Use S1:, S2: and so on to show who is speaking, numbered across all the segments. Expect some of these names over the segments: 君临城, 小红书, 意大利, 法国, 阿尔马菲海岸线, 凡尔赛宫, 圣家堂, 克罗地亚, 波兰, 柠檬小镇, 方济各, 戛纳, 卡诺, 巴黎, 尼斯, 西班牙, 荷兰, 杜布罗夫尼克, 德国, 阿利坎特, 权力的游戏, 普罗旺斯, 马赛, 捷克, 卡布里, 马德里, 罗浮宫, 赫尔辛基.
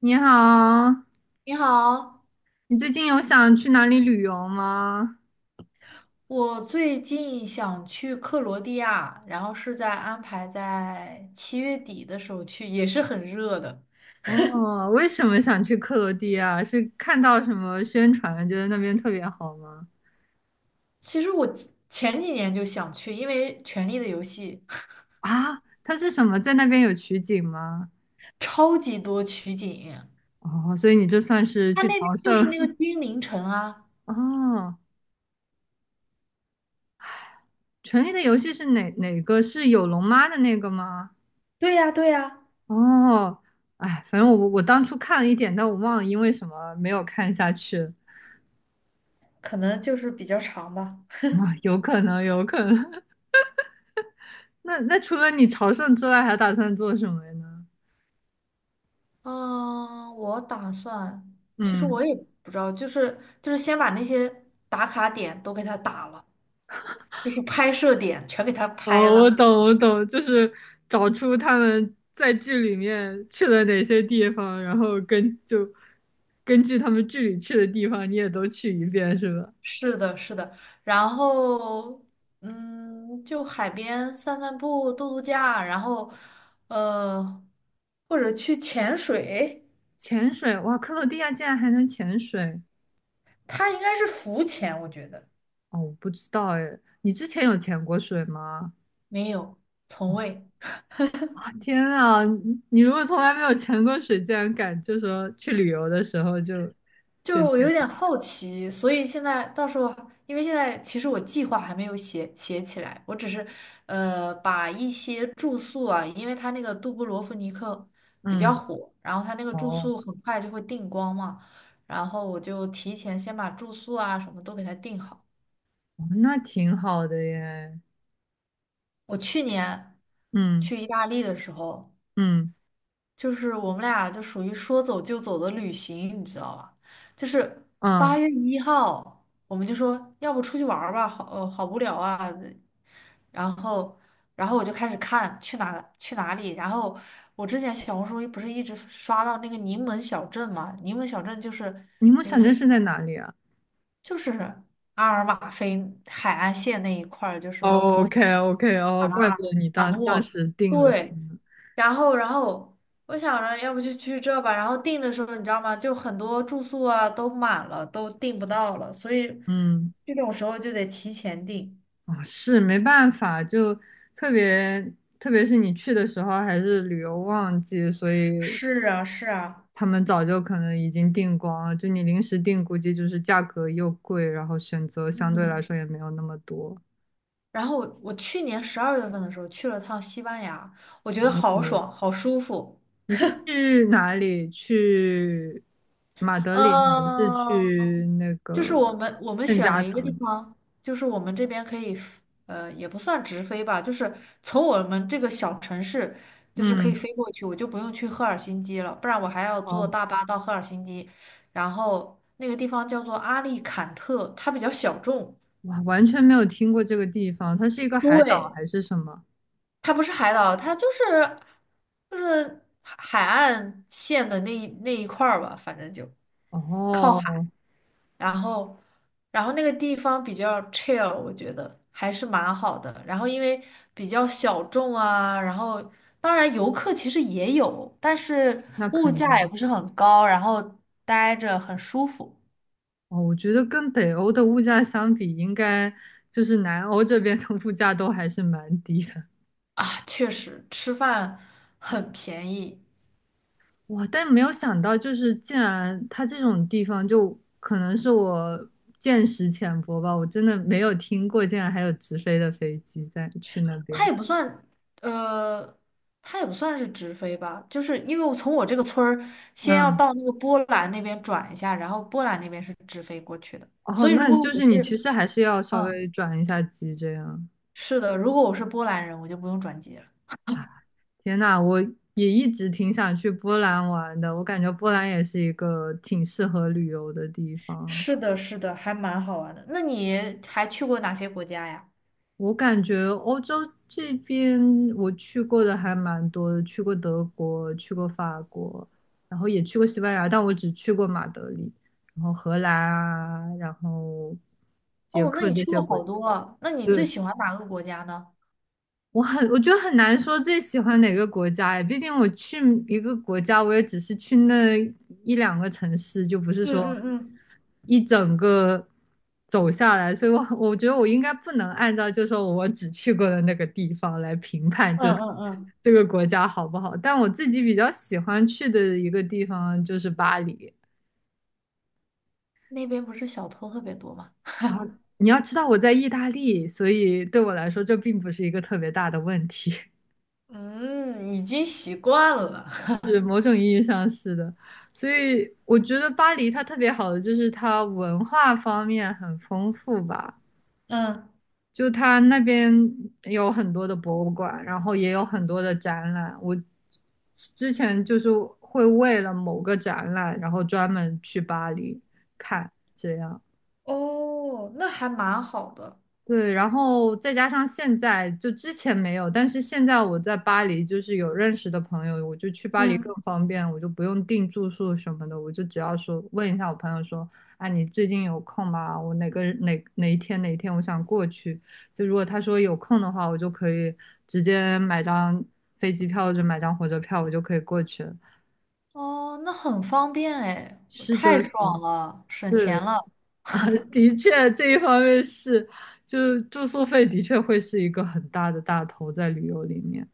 S1: 你好，
S2: 你好，
S1: 你最近有想去哪里旅游吗？
S2: 我最近想去克罗地亚，然后是在安排在7月底的时候去，也是很热的。
S1: 哦，为什么想去克罗地亚？是看到什么宣传，觉得那边特别好吗？
S2: 其实我前几年就想去，因为《权力的游戏》
S1: 啊，它是什么？在那边有取景吗？
S2: 超级多取景，
S1: 哦，所以你这算是
S2: 它
S1: 去
S2: 那边
S1: 朝
S2: 就是那个
S1: 圣。
S2: 君临城啊。
S1: 哦，《权力的游戏》是哪个？是有龙妈的那个吗？
S2: 对呀，对呀，
S1: 哦，哎，反正我当初看了一点，但我忘了因为什么没有看下去。
S2: 可能就是比较长吧。
S1: 啊，有可能，有可能。那除了你朝圣之外，还打算做什么呢？
S2: 嗯，我打算，其实
S1: 嗯，
S2: 我也不知道，就是先把那些打卡点都给它打了，就是拍摄点全给它拍
S1: 哦，我
S2: 了，
S1: 懂，我懂，就是找出他们在剧里面去了哪些地方，然后根据他们剧里去的地方，你也都去一遍，是吧？
S2: 是的，是的，然后就海边散散步、度度假，然后呃，或者去潜水，
S1: 潜水，哇，克罗地亚竟然还能潜水！
S2: 它应该是浮潜，我觉得
S1: 哦，我不知道哎，你之前有潜过水吗？
S2: 没有，从
S1: 哦，
S2: 未。
S1: 啊天啊，你如果从来没有潜过水，竟然敢就说去旅游的时候就
S2: 就
S1: 就
S2: 是我有
S1: 潜，
S2: 点好奇，所以现在到时候，因为现在其实我计划还没有写起来，我只是把一些住宿啊，因为它那个杜布罗夫尼克比较
S1: 嗯，
S2: 火，然后它那个住
S1: 哦。
S2: 宿很快就会订光嘛，然后我就提前先把住宿啊什么都给它订好。
S1: 哦，那挺好的耶。
S2: 我去年
S1: 嗯
S2: 去意大利的时候，
S1: 嗯
S2: 就是我们俩就属于说走就走的旅行，你知道吧？就是
S1: 嗯，
S2: 8月1号，我们就说要不出去玩儿吧，好，好无聊啊。然后，我就开始看去哪里。然后我之前小红书不是一直刷到那个柠檬小镇嘛？柠檬小镇就是
S1: 你梦
S2: 那个
S1: 想
S2: 什
S1: 镇
S2: 么，
S1: 是在哪里啊？
S2: 就是阿尔马菲海岸线那一块儿，就什么
S1: o
S2: 波。
S1: k OK，哦，怪不得你
S2: 卡
S1: 当当
S2: 诺，
S1: 时定了去
S2: 对，
S1: 呢
S2: 然后我想着要不就去这吧，然后订的时候你知道吗？就很多住宿啊都满了，都订不到了，所以
S1: 嗯，
S2: 这种时候就得提前订。
S1: 啊是没办法，就特别特别是你去的时候还是旅游旺季，所以
S2: 是啊，是啊，
S1: 他们早就可能已经订光了。就你临时订，估计就是价格又贵，然后选择相对来
S2: 嗯，
S1: 说也没有那么多。
S2: 然后我去年12月份的时候去了趟西班牙，我觉得好
S1: 哦
S2: 爽，好舒服。
S1: 你是去哪里？去马德里还是
S2: 嗯、
S1: 去那
S2: 就是
S1: 个
S2: 我们
S1: 圣
S2: 选
S1: 家
S2: 了一个地
S1: 堂？
S2: 方，就是我们这边可以也不算直飞吧，就是从我们这个小城市，就是可以
S1: 嗯，
S2: 飞过去，我就不用去赫尔辛基了，不然我还要坐
S1: 哦，
S2: 大巴到赫尔辛基，然后那个地方叫做阿利坎特，它比较小众，
S1: 哇，完全没有听过这个地方，它是一个海岛
S2: 对，
S1: 还是什么？
S2: 它不是海岛，它就是海岸线的那一块儿吧，反正就。
S1: 哦，
S2: 然后，那个地方比较 chill，我觉得还是蛮好的。然后因为比较小众啊，然后当然游客其实也有，但是
S1: 那
S2: 物
S1: 肯
S2: 价也
S1: 定。
S2: 不是很高，然后待着很舒服
S1: 哦，我觉得跟北欧的物价相比，应该就是南欧这边的物价都还是蛮低的。
S2: 啊，确实吃饭很便宜，
S1: 哇！但没有想到，就是竟然它这种地方，就可能是我见识浅薄吧，我真的没有听过，竟然还有直飞的飞机在去那
S2: 它
S1: 边。
S2: 也不算呃。它也不算是直飞吧，就是因为我从我这个村儿先要
S1: 嗯，
S2: 到那个波兰那边转一下，然后波兰那边是直飞过去的。
S1: 哦，
S2: 所以如
S1: 那
S2: 果
S1: 就
S2: 我
S1: 是你
S2: 是，
S1: 其实还是要稍
S2: 嗯。
S1: 微转一下机这样。
S2: 是的，如果我是波兰人，我就不用转机了。
S1: 天呐，我也一直挺想去波兰玩的，我感觉波兰也是一个挺适合旅游的地方啊。
S2: 是的，是的，还蛮好玩的。那你还去过哪些国家呀？
S1: 我感觉欧洲这边我去过的还蛮多的，去过德国，去过法国，然后也去过西班牙，但我只去过马德里，然后荷兰啊，然后捷
S2: 哦，那
S1: 克
S2: 你
S1: 这
S2: 去
S1: 些
S2: 过
S1: 国，
S2: 好多啊。那你最
S1: 对，
S2: 喜欢哪个国家呢？
S1: 我觉得很难说最喜欢哪个国家哎，毕竟我去一个国家，我也只是去那一两个城市，就不是
S2: 嗯
S1: 说
S2: 嗯嗯
S1: 一整个走下来，所以我觉得我应该不能按照就说我只去过的那个地方来评判，
S2: 嗯
S1: 就是
S2: 嗯嗯
S1: 这个国家好不好。但我自己比较喜欢去的一个地方就是巴黎
S2: 那边不是小偷特别多吗？
S1: 啊，你要知道我在意大利，所以对我来说这并不是一个特别大的问题。
S2: 嗯，已经习惯了。
S1: 是某种意义上是的，所以我觉得巴黎它特别好的就是它文化方面很丰富吧，
S2: 嗯
S1: 就它那边有很多的博物馆，然后也有很多的展览。我之前就是会为了某个展览，然后专门去巴黎看，这样。
S2: 哦，那还蛮好的。
S1: 对，然后再加上现在，就之前没有，但是现在我在巴黎，就是有认识的朋友，我就去巴黎更
S2: 嗯，
S1: 方便，我就不用订住宿什么的，我就只要说问一下我朋友说，啊，你最近有空吗？我哪一天我想过去，就如果他说有空的话，我就可以直接买张飞机票或者买张火车票，我就可以过去了。
S2: 哦，那很方便哎，
S1: 是
S2: 太
S1: 的，是，
S2: 爽了，省
S1: 对
S2: 钱了。
S1: 的确，这一方面是，就是住宿费的确会是一个很大的大头在旅游里面，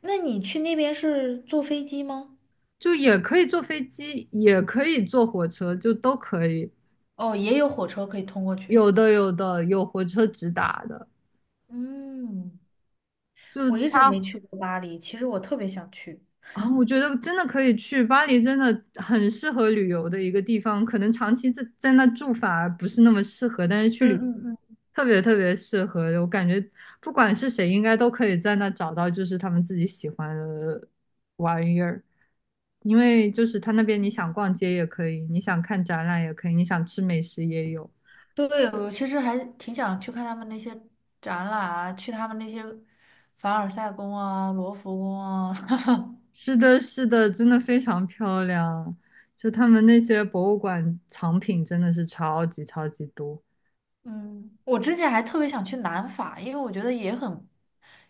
S2: 那你去那边是坐飞机吗？
S1: 就也可以坐飞机，也可以坐火车，就都可以。
S2: 哦，也有火车可以通过去。
S1: 有的有火车直达的，
S2: 嗯，
S1: 就
S2: 我一直没
S1: 它
S2: 去过巴黎，其实我特别想去。
S1: 啊，我觉得真的可以去巴黎，真的很适合旅游的一个地方。可能长期在那住反而不是那么适合，但是去旅
S2: 嗯
S1: 游
S2: 嗯嗯，
S1: 特别特别适合。我感觉不管是谁，应该都可以在那找到就是他们自己喜欢的玩意儿。因为就是他那边，你想逛街也可以，你想看展览也可以，你想吃美食也有。
S2: 对，我其实还挺想去看他们那些展览啊，去他们那些凡尔赛宫啊、罗浮宫啊。
S1: 是的，是的，真的非常漂亮。就他们那些博物馆藏品真的是超级超级多。
S2: 嗯，我之前还特别想去南法，因为我觉得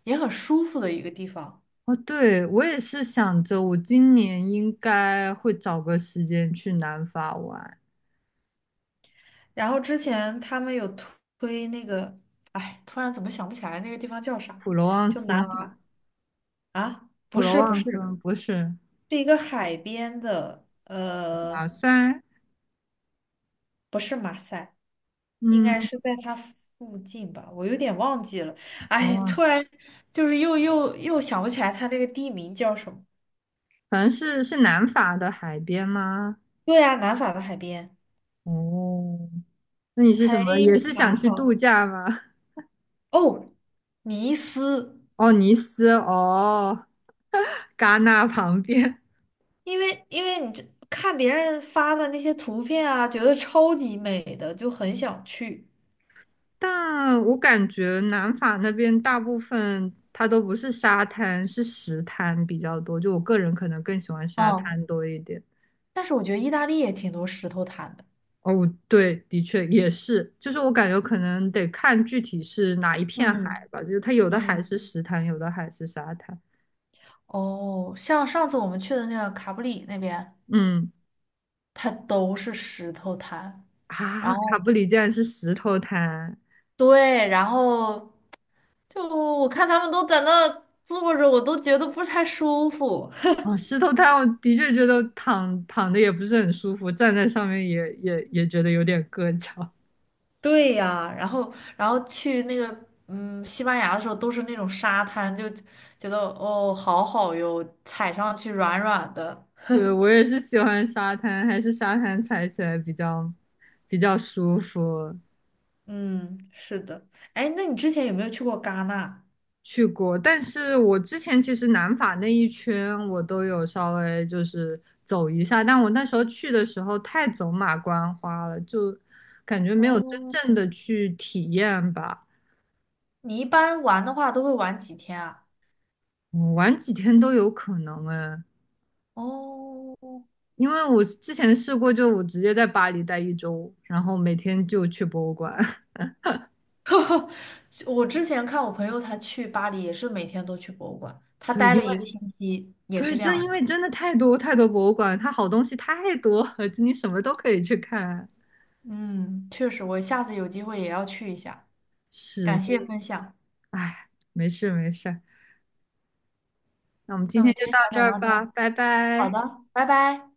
S2: 也很舒服的一个地方。
S1: 哦，对，我也是想着，我今年应该会找个时间去南法玩。
S2: 然后之前他们有推那个，哎，突然怎么想不起来那个地方叫啥？
S1: 普罗旺
S2: 就
S1: 斯
S2: 南
S1: 吗？
S2: 法啊？
S1: 普
S2: 不
S1: 罗
S2: 是不
S1: 旺斯
S2: 是，
S1: 不是
S2: 是一个海边的，
S1: 马赛，
S2: 不是马赛，应该
S1: 嗯，
S2: 是在它附近吧，我有点忘记了。哎，
S1: 哦，
S2: 突然就是又想不起来它那个地名叫什么。
S1: 反正是南法的海边吗？
S2: 对啊，南法的海边
S1: 哦，那你是什
S2: 还
S1: 么？也是
S2: 蛮
S1: 想去
S2: 好。
S1: 度假吗？
S2: 哦，尼斯，
S1: 哦，尼斯，哦，戛纳旁边。
S2: 因为你这看别人发的那些图片啊，觉得超级美的，就很想去。
S1: 但我感觉南法那边大部分它都不是沙滩，是石滩比较多。就我个人可能更喜欢沙
S2: 哦，
S1: 滩多一点。
S2: 但是我觉得意大利也挺多石头滩的。
S1: 哦，对，的确也是，就是我感觉可能得看具体是哪一片海
S2: 嗯
S1: 吧，就是它有的海
S2: 嗯
S1: 是石滩，有的海是沙滩。
S2: 哦，像上次我们去的那个卡布里那边。
S1: 嗯，
S2: 它都是石头滩。
S1: 啊，
S2: 然
S1: 卡
S2: 后
S1: 布里竟然是石头滩。
S2: 对，然后就我看他们都在那坐着，我都觉得不太舒服。
S1: 哦，石头滩，我的确觉得躺躺的也不是很舒服，站在上面也觉得有点硌脚。
S2: 对呀，然后去那个西班牙的时候都是那种沙滩，就觉得哦好好哟，踩上去软软的。
S1: 对，我也是喜欢沙滩，还是沙滩踩起来比较舒服。
S2: 嗯，是的。哎，那你之前有没有去过戛纳？
S1: 去过，但是我之前其实南法那一圈我都有稍微就是走一下，但我那时候去的时候太走马观花了，就感觉没有真正
S2: 哦，
S1: 的去体验吧。
S2: 你一般玩的话都会玩几天啊？
S1: 嗯，玩几天都有可能哎，
S2: 哦，
S1: 因为我之前试过，就我直接在巴黎待一周，然后每天就去博物馆。
S2: 我之前看我朋友他去巴黎也是每天都去博物馆，他
S1: 对，
S2: 待
S1: 因
S2: 了
S1: 为
S2: 一个星期也
S1: 对，
S2: 是这
S1: 正
S2: 样
S1: 因
S2: 的。
S1: 为真的太多太多博物馆，它好东西太多了，就你什么都可以去看。
S2: 嗯，确实，我下次有机会也要去一下。
S1: 是，
S2: 感
S1: 真
S2: 谢
S1: 的，
S2: 分享，
S1: 哎，没事没事，那我们今
S2: 那我
S1: 天
S2: 们
S1: 就
S2: 今天
S1: 到
S2: 先
S1: 这
S2: 聊
S1: 儿
S2: 到这
S1: 吧，
S2: 儿。
S1: 拜
S2: 好
S1: 拜。
S2: 的，拜拜。